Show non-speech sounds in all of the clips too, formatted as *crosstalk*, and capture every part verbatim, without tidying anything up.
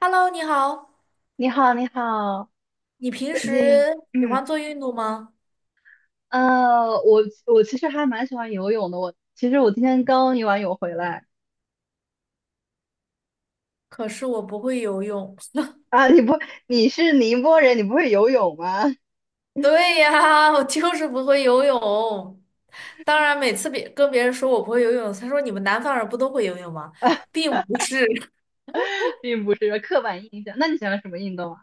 Hello，你好，你好，你好，你平最近，时喜嗯，欢做运动吗？呃，我我其实还蛮喜欢游泳的。我其实我今天刚游完泳回来可是我不会游泳。*laughs* 啊。你不，你是宁波人，你不会游泳吗？对呀，我就是不会游泳。当然，每次别跟别人说我不会游泳，他说你们南方人不都会游泳吗？并不是。*laughs* 并不是刻板印象。那你喜欢什么运动啊？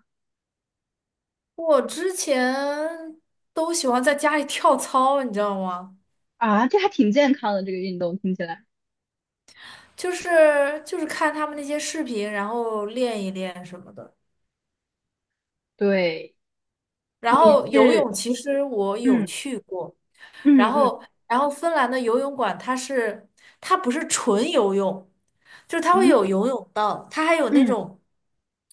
*laughs* 我之前都喜欢在家里跳操，你知道吗？啊，这还挺健康的，这个运动听起来。就是就是看他们那些视频，然后练一练什么的。对，然你后游是，泳其实我有嗯去过，嗯然嗯后然后芬兰的游泳馆它是它不是纯游泳，就是它会嗯有游泳道，它还有那嗯，种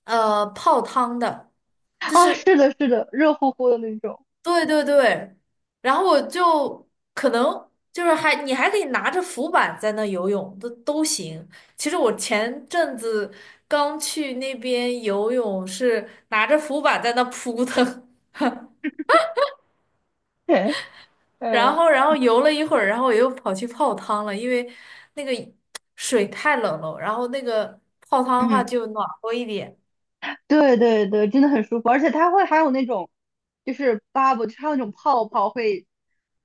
呃泡汤的，就啊，是是的，是的，热乎乎的那种。对对对，然后我就可能就是还你还可以拿着浮板在那游泳都都行。其实我前阵子刚去那边游泳是拿着浮板在那扑腾。*laughs* 对，然嗯后，然后游了一会儿，然后我又跑去泡汤了，因为那个 *tsk* 水太冷了，然后那个泡汤的话就暖和一点。对对对，真的很舒服，而且它会还有那种就是 bubble，就是它有那种泡泡会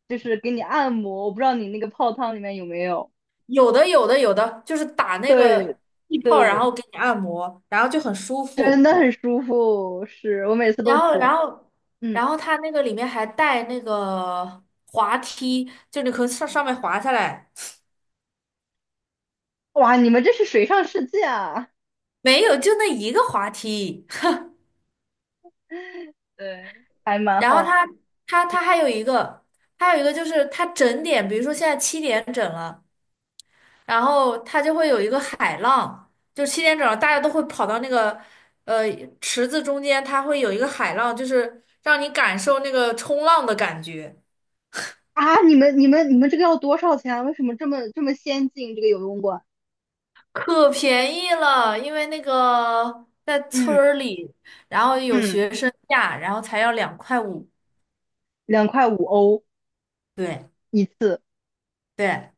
就是给你按摩，我不知道你那个泡汤里面有没有。有的，有的，有的，就是打那对个气泡，然对，后给你按摩，然后就很舒真服。的很舒服，是我每次都然后，涂。然后，嗯，然后它那个里面还带那个滑梯，就你可以上上面滑下来。哇，你们这是水上世界啊！没有，就那一个滑梯。*laughs* 对，还蛮然后好的它它它还有一个，还有一个就是它整点，比如说现在七点整了。然后它就会有一个海浪，就七点整大家都会跑到那个呃池子中间，它会有一个海浪，就是让你感受那个冲浪的感觉。啊。你们你们你们这个要多少钱啊？为什么这么这么先进？这个游泳馆？可便宜了，因为那个在村嗯儿里，然后有嗯，学生价，然后才要两块五。两块五欧对一次。对，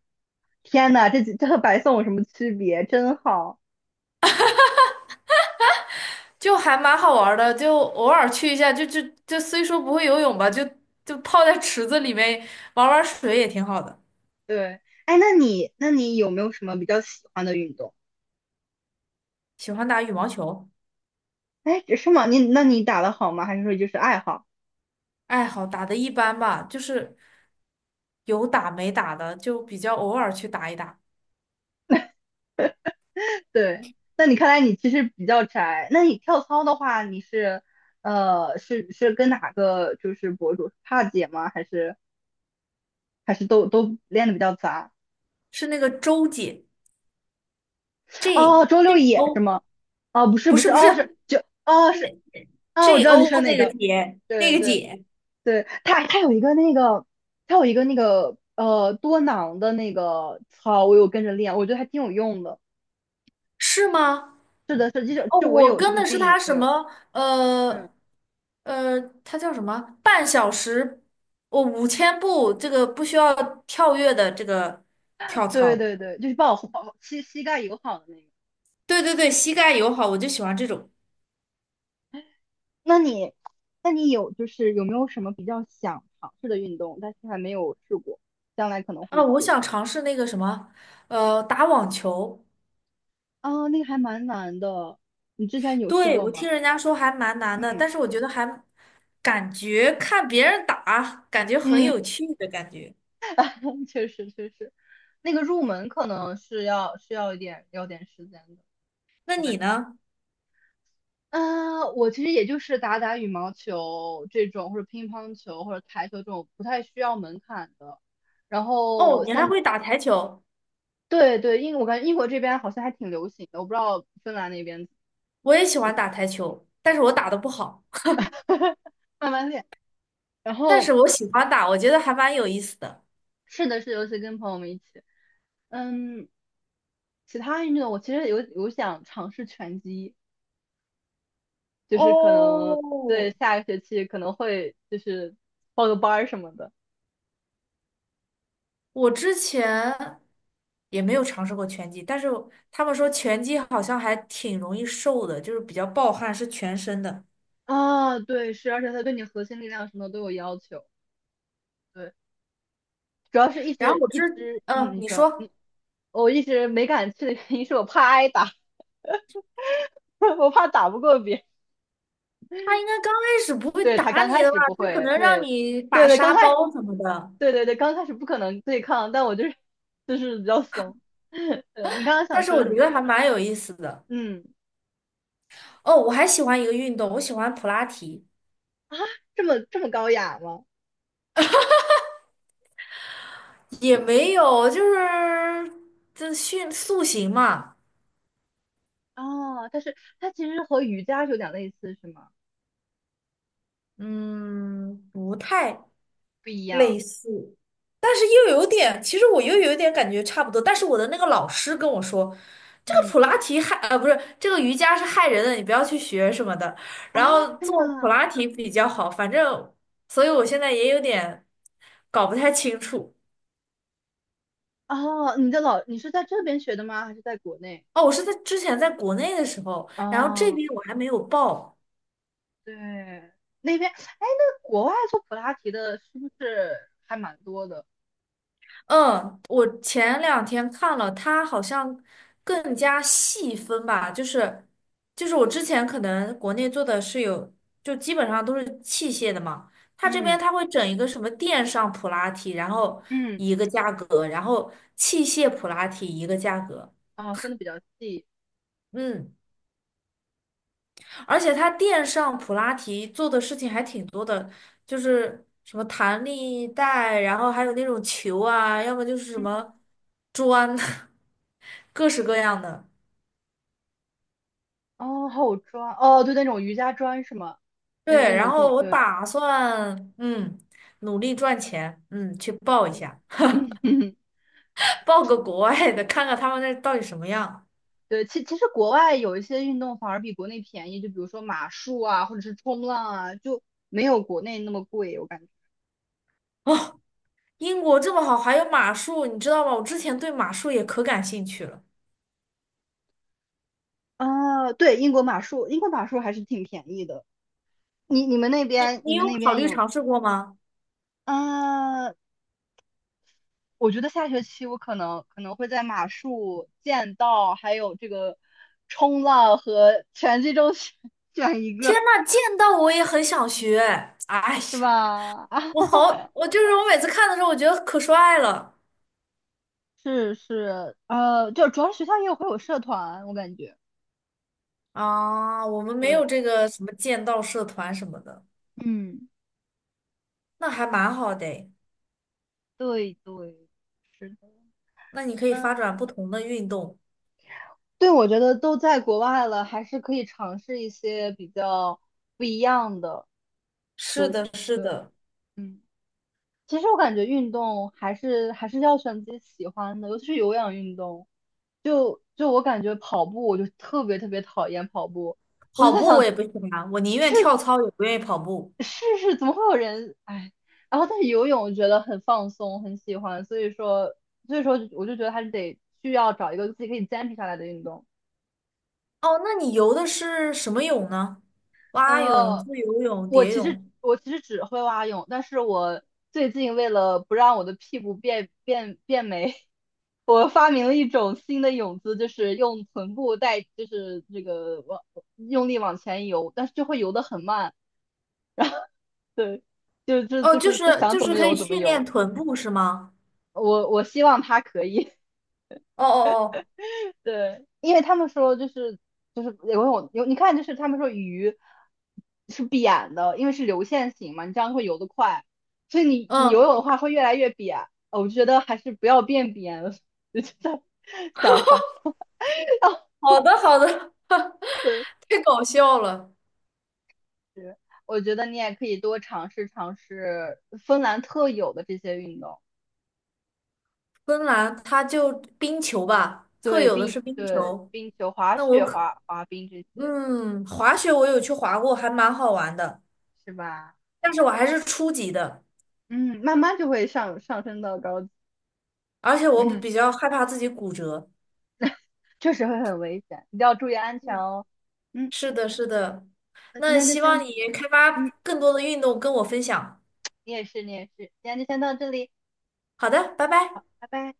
天呐，这几这和白送有什么区别？真好。就还蛮好玩儿的，就偶尔去一下，就就就虽说不会游泳吧，就就泡在池子里面玩玩水也挺好的。对，哎，那你那你有没有什么比较喜欢的运动？喜欢打羽毛球。哎，是吗？你那你打的好吗？还是说就是爱好？爱好打的一般吧，就是有打没打的，就比较偶尔去打一打。对，那你看来你其实比较宅。那你跳操的话，你是呃是是跟哪个就是博主？帕姐吗？还是还是都都练的比较杂？是那个周姐哦，，J 周六 J 野是 O，吗？哦，不是不不是是，不是，哦是是就哦是那 哦，我 J 知道你 O 说哪那个个。姐，那对个对。姐对，它它有一个那个，它有一个那个呃多囊的那个操，我有跟着练，我觉得还挺有用的。是吗？是的，是，就是哦，就我我有这跟个的是病，她什对，么嗯，呃呃，她叫什么？半小时，我五千步，这个不需要跳跃的这个跳对操。对对，就是帮我保膝膝盖友好的那个。对对对，膝盖友好，我就喜欢这种。那你，那你有就是有没有什么比较想尝试的运动，但是还没有试过，将来可能啊，会我去？想尝试那个什么，呃，打网球。啊，那个还蛮难的，你之前有试对，过我听吗？人家说还蛮难的，嗯但是我觉得还感觉看别人打，感觉很嗯，有趣的感觉。*laughs* 确实确实，那个入门可能是要需要一点要点时间的。那我感你觉，呢？啊，我其实也就是打打羽毛球这种，或者乒乓球或者台球这种不太需要门槛的。然哦，后你还像会打台球？对对，英我感觉英国这边好像还挺流行的，我不知道芬兰那边 我也喜欢打台球，但是我打的不好，*laughs* 慢慢练。然但后是我喜欢打，我觉得还蛮有意思的。是的是，尤其跟朋友们一起，嗯，其他运动我其实有有想尝试拳击，就是可哦，能对下个学期可能会就是报个班儿什么的。我之前也没有尝试过拳击，但是他们说拳击好像还挺容易瘦的，就是比较暴汗，是全身的。啊，对，是，而且他对你核心力量什么都有要求。对，主要是一然后直我一知，直，嗯、嗯，你你说，嗯，说我一直没敢去的原因是我怕挨打，*laughs* 我怕打不过别人他应该刚开始不会对，他打刚你开的吧？始不他可会，能让对，你对把对，刚沙开，包什么的，对对对，刚开始不可能对抗，但我就是就是比较怂。*laughs* 对，你刚刚想但是说我什觉么？得还蛮有意思的。嗯，哦，我还喜欢一个运动，我喜欢普拉提。啊，这么这么高雅吗？也没有，就是这训塑形嘛。哦，但是它其实和瑜伽是有点类似，是吗？嗯，不太不一样。类似。但是又有点，其实我又有点感觉差不多。但是我的那个老师跟我说，这个嗯，普拉提害，呃，不是，这个瑜伽是害人的，你不要去学什么的。啊，然后真的。做普拉提比较好，反正，所以我现在也有点搞不太清楚。哦，你的老，你是在这边学的吗？还是在国内？哦，我是在之前在国内的时候，然后这哦，边我还没有报。对，那边，哎，那国外做普拉提的是不是还蛮多的？嗯，我前两天看了，它好像更加细分吧，就是就是我之前可能国内做的是有，就基本上都是器械的嘛，它这边嗯它会整一个什么电上普拉提，然后嗯，一个价格，然后器械普拉提一个价格。啊、分的比较细。嗯。而且他垫上普拉提做的事情还挺多的，就是什么弹力带，然后还有那种球啊，要么就是什嗯，么砖，*laughs* 各式各样的。哦，还有砖，哦，对，那种瑜伽砖是吗？那那对，然种后垫，我对，打算嗯努力赚钱，嗯去报一嗯下，嗯嗯，*laughs* 报个国外的，看看他们那到底什么样。*laughs* 对，其其实国外有一些运动反而比国内便宜，就比如说马术啊，或者是冲浪啊，就没有国内那么贵，我感觉。英国这么好，还有马术，你知道吗？我之前对马术也可感兴趣了。啊，对，英国马术，英国马术还是挺便宜的。你你们那你边你你们有那考边虑有，尝试过吗？啊？我觉得下学期我可能可能会在马术、剑道还有这个冲浪和拳击中选 *laughs* 选一天个，呐，见到我也很想学。哎呀，是吧？*laughs* 啊，我好，我就是我每次看的时候，我觉得可帅了是是，呃，就主要是学校也有会有社团，我感觉，啊！我们没对，有这个什么剑道社团什么的，嗯，那还蛮好的诶。对对，是的，那你可以嗯，发展不同的运动。对，我觉得都在国外了，还是可以尝试一些比较不一样的，是就的，是对，的，嗯。其实我感觉运动还是还是要选自己喜欢的，尤其是有氧运动。就就我感觉跑步，我就特别特别讨厌跑步，我就跑在步我想也不喜欢，我宁愿跳操也不愿意跑步。试试怎么会有人哎。然后但是游泳我觉得很放松，很喜欢，所以说所以说我就觉得还是得需要找一个自己可以坚持下来的运动。哦，那你游的是什么泳呢？蛙泳、自呃，由泳、我蝶其实泳。我其实只会蛙泳，但是我最近为了不让我的屁股变变变没，我发明了一种新的泳姿，就是用臀部带，就是这个往用力往前游，但是就会游得很慢。对，就就哦，就就是是就想就怎是么可游以怎么训练游。臀部是吗？我我希望他可以，哦哦 *laughs* 对，因为他们说就是就是游泳游，你看就是他们说鱼是扁的，因为是流线型嘛，你这样会游得快，所以你哦，你游泳嗯，的话会越来越扁。呃我觉得还是不要变扁了，*laughs* 我就在想法。*laughs* 好的好的。*laughs* 对。太搞笑了。我觉得你也可以多尝试尝试芬兰特有的这些运动，芬兰它就冰球吧，特对有的冰是冰对球。冰球、滑那我雪、可，滑滑冰这些，嗯，滑雪我有去滑过，还蛮好玩的，是吧？但是我还是初级的，嗯，慢慢就会上上升到高级，而且我比比 *laughs* 较害怕自己骨折。*clears throat* 确实会很危险，一定要注意安全嗯，哦。嗯，是的，是的。那今那天就希先，望你开嗯，发更多的运动跟我分享。你也是，你也是，今天就先到这里，好的，拜拜。拜拜。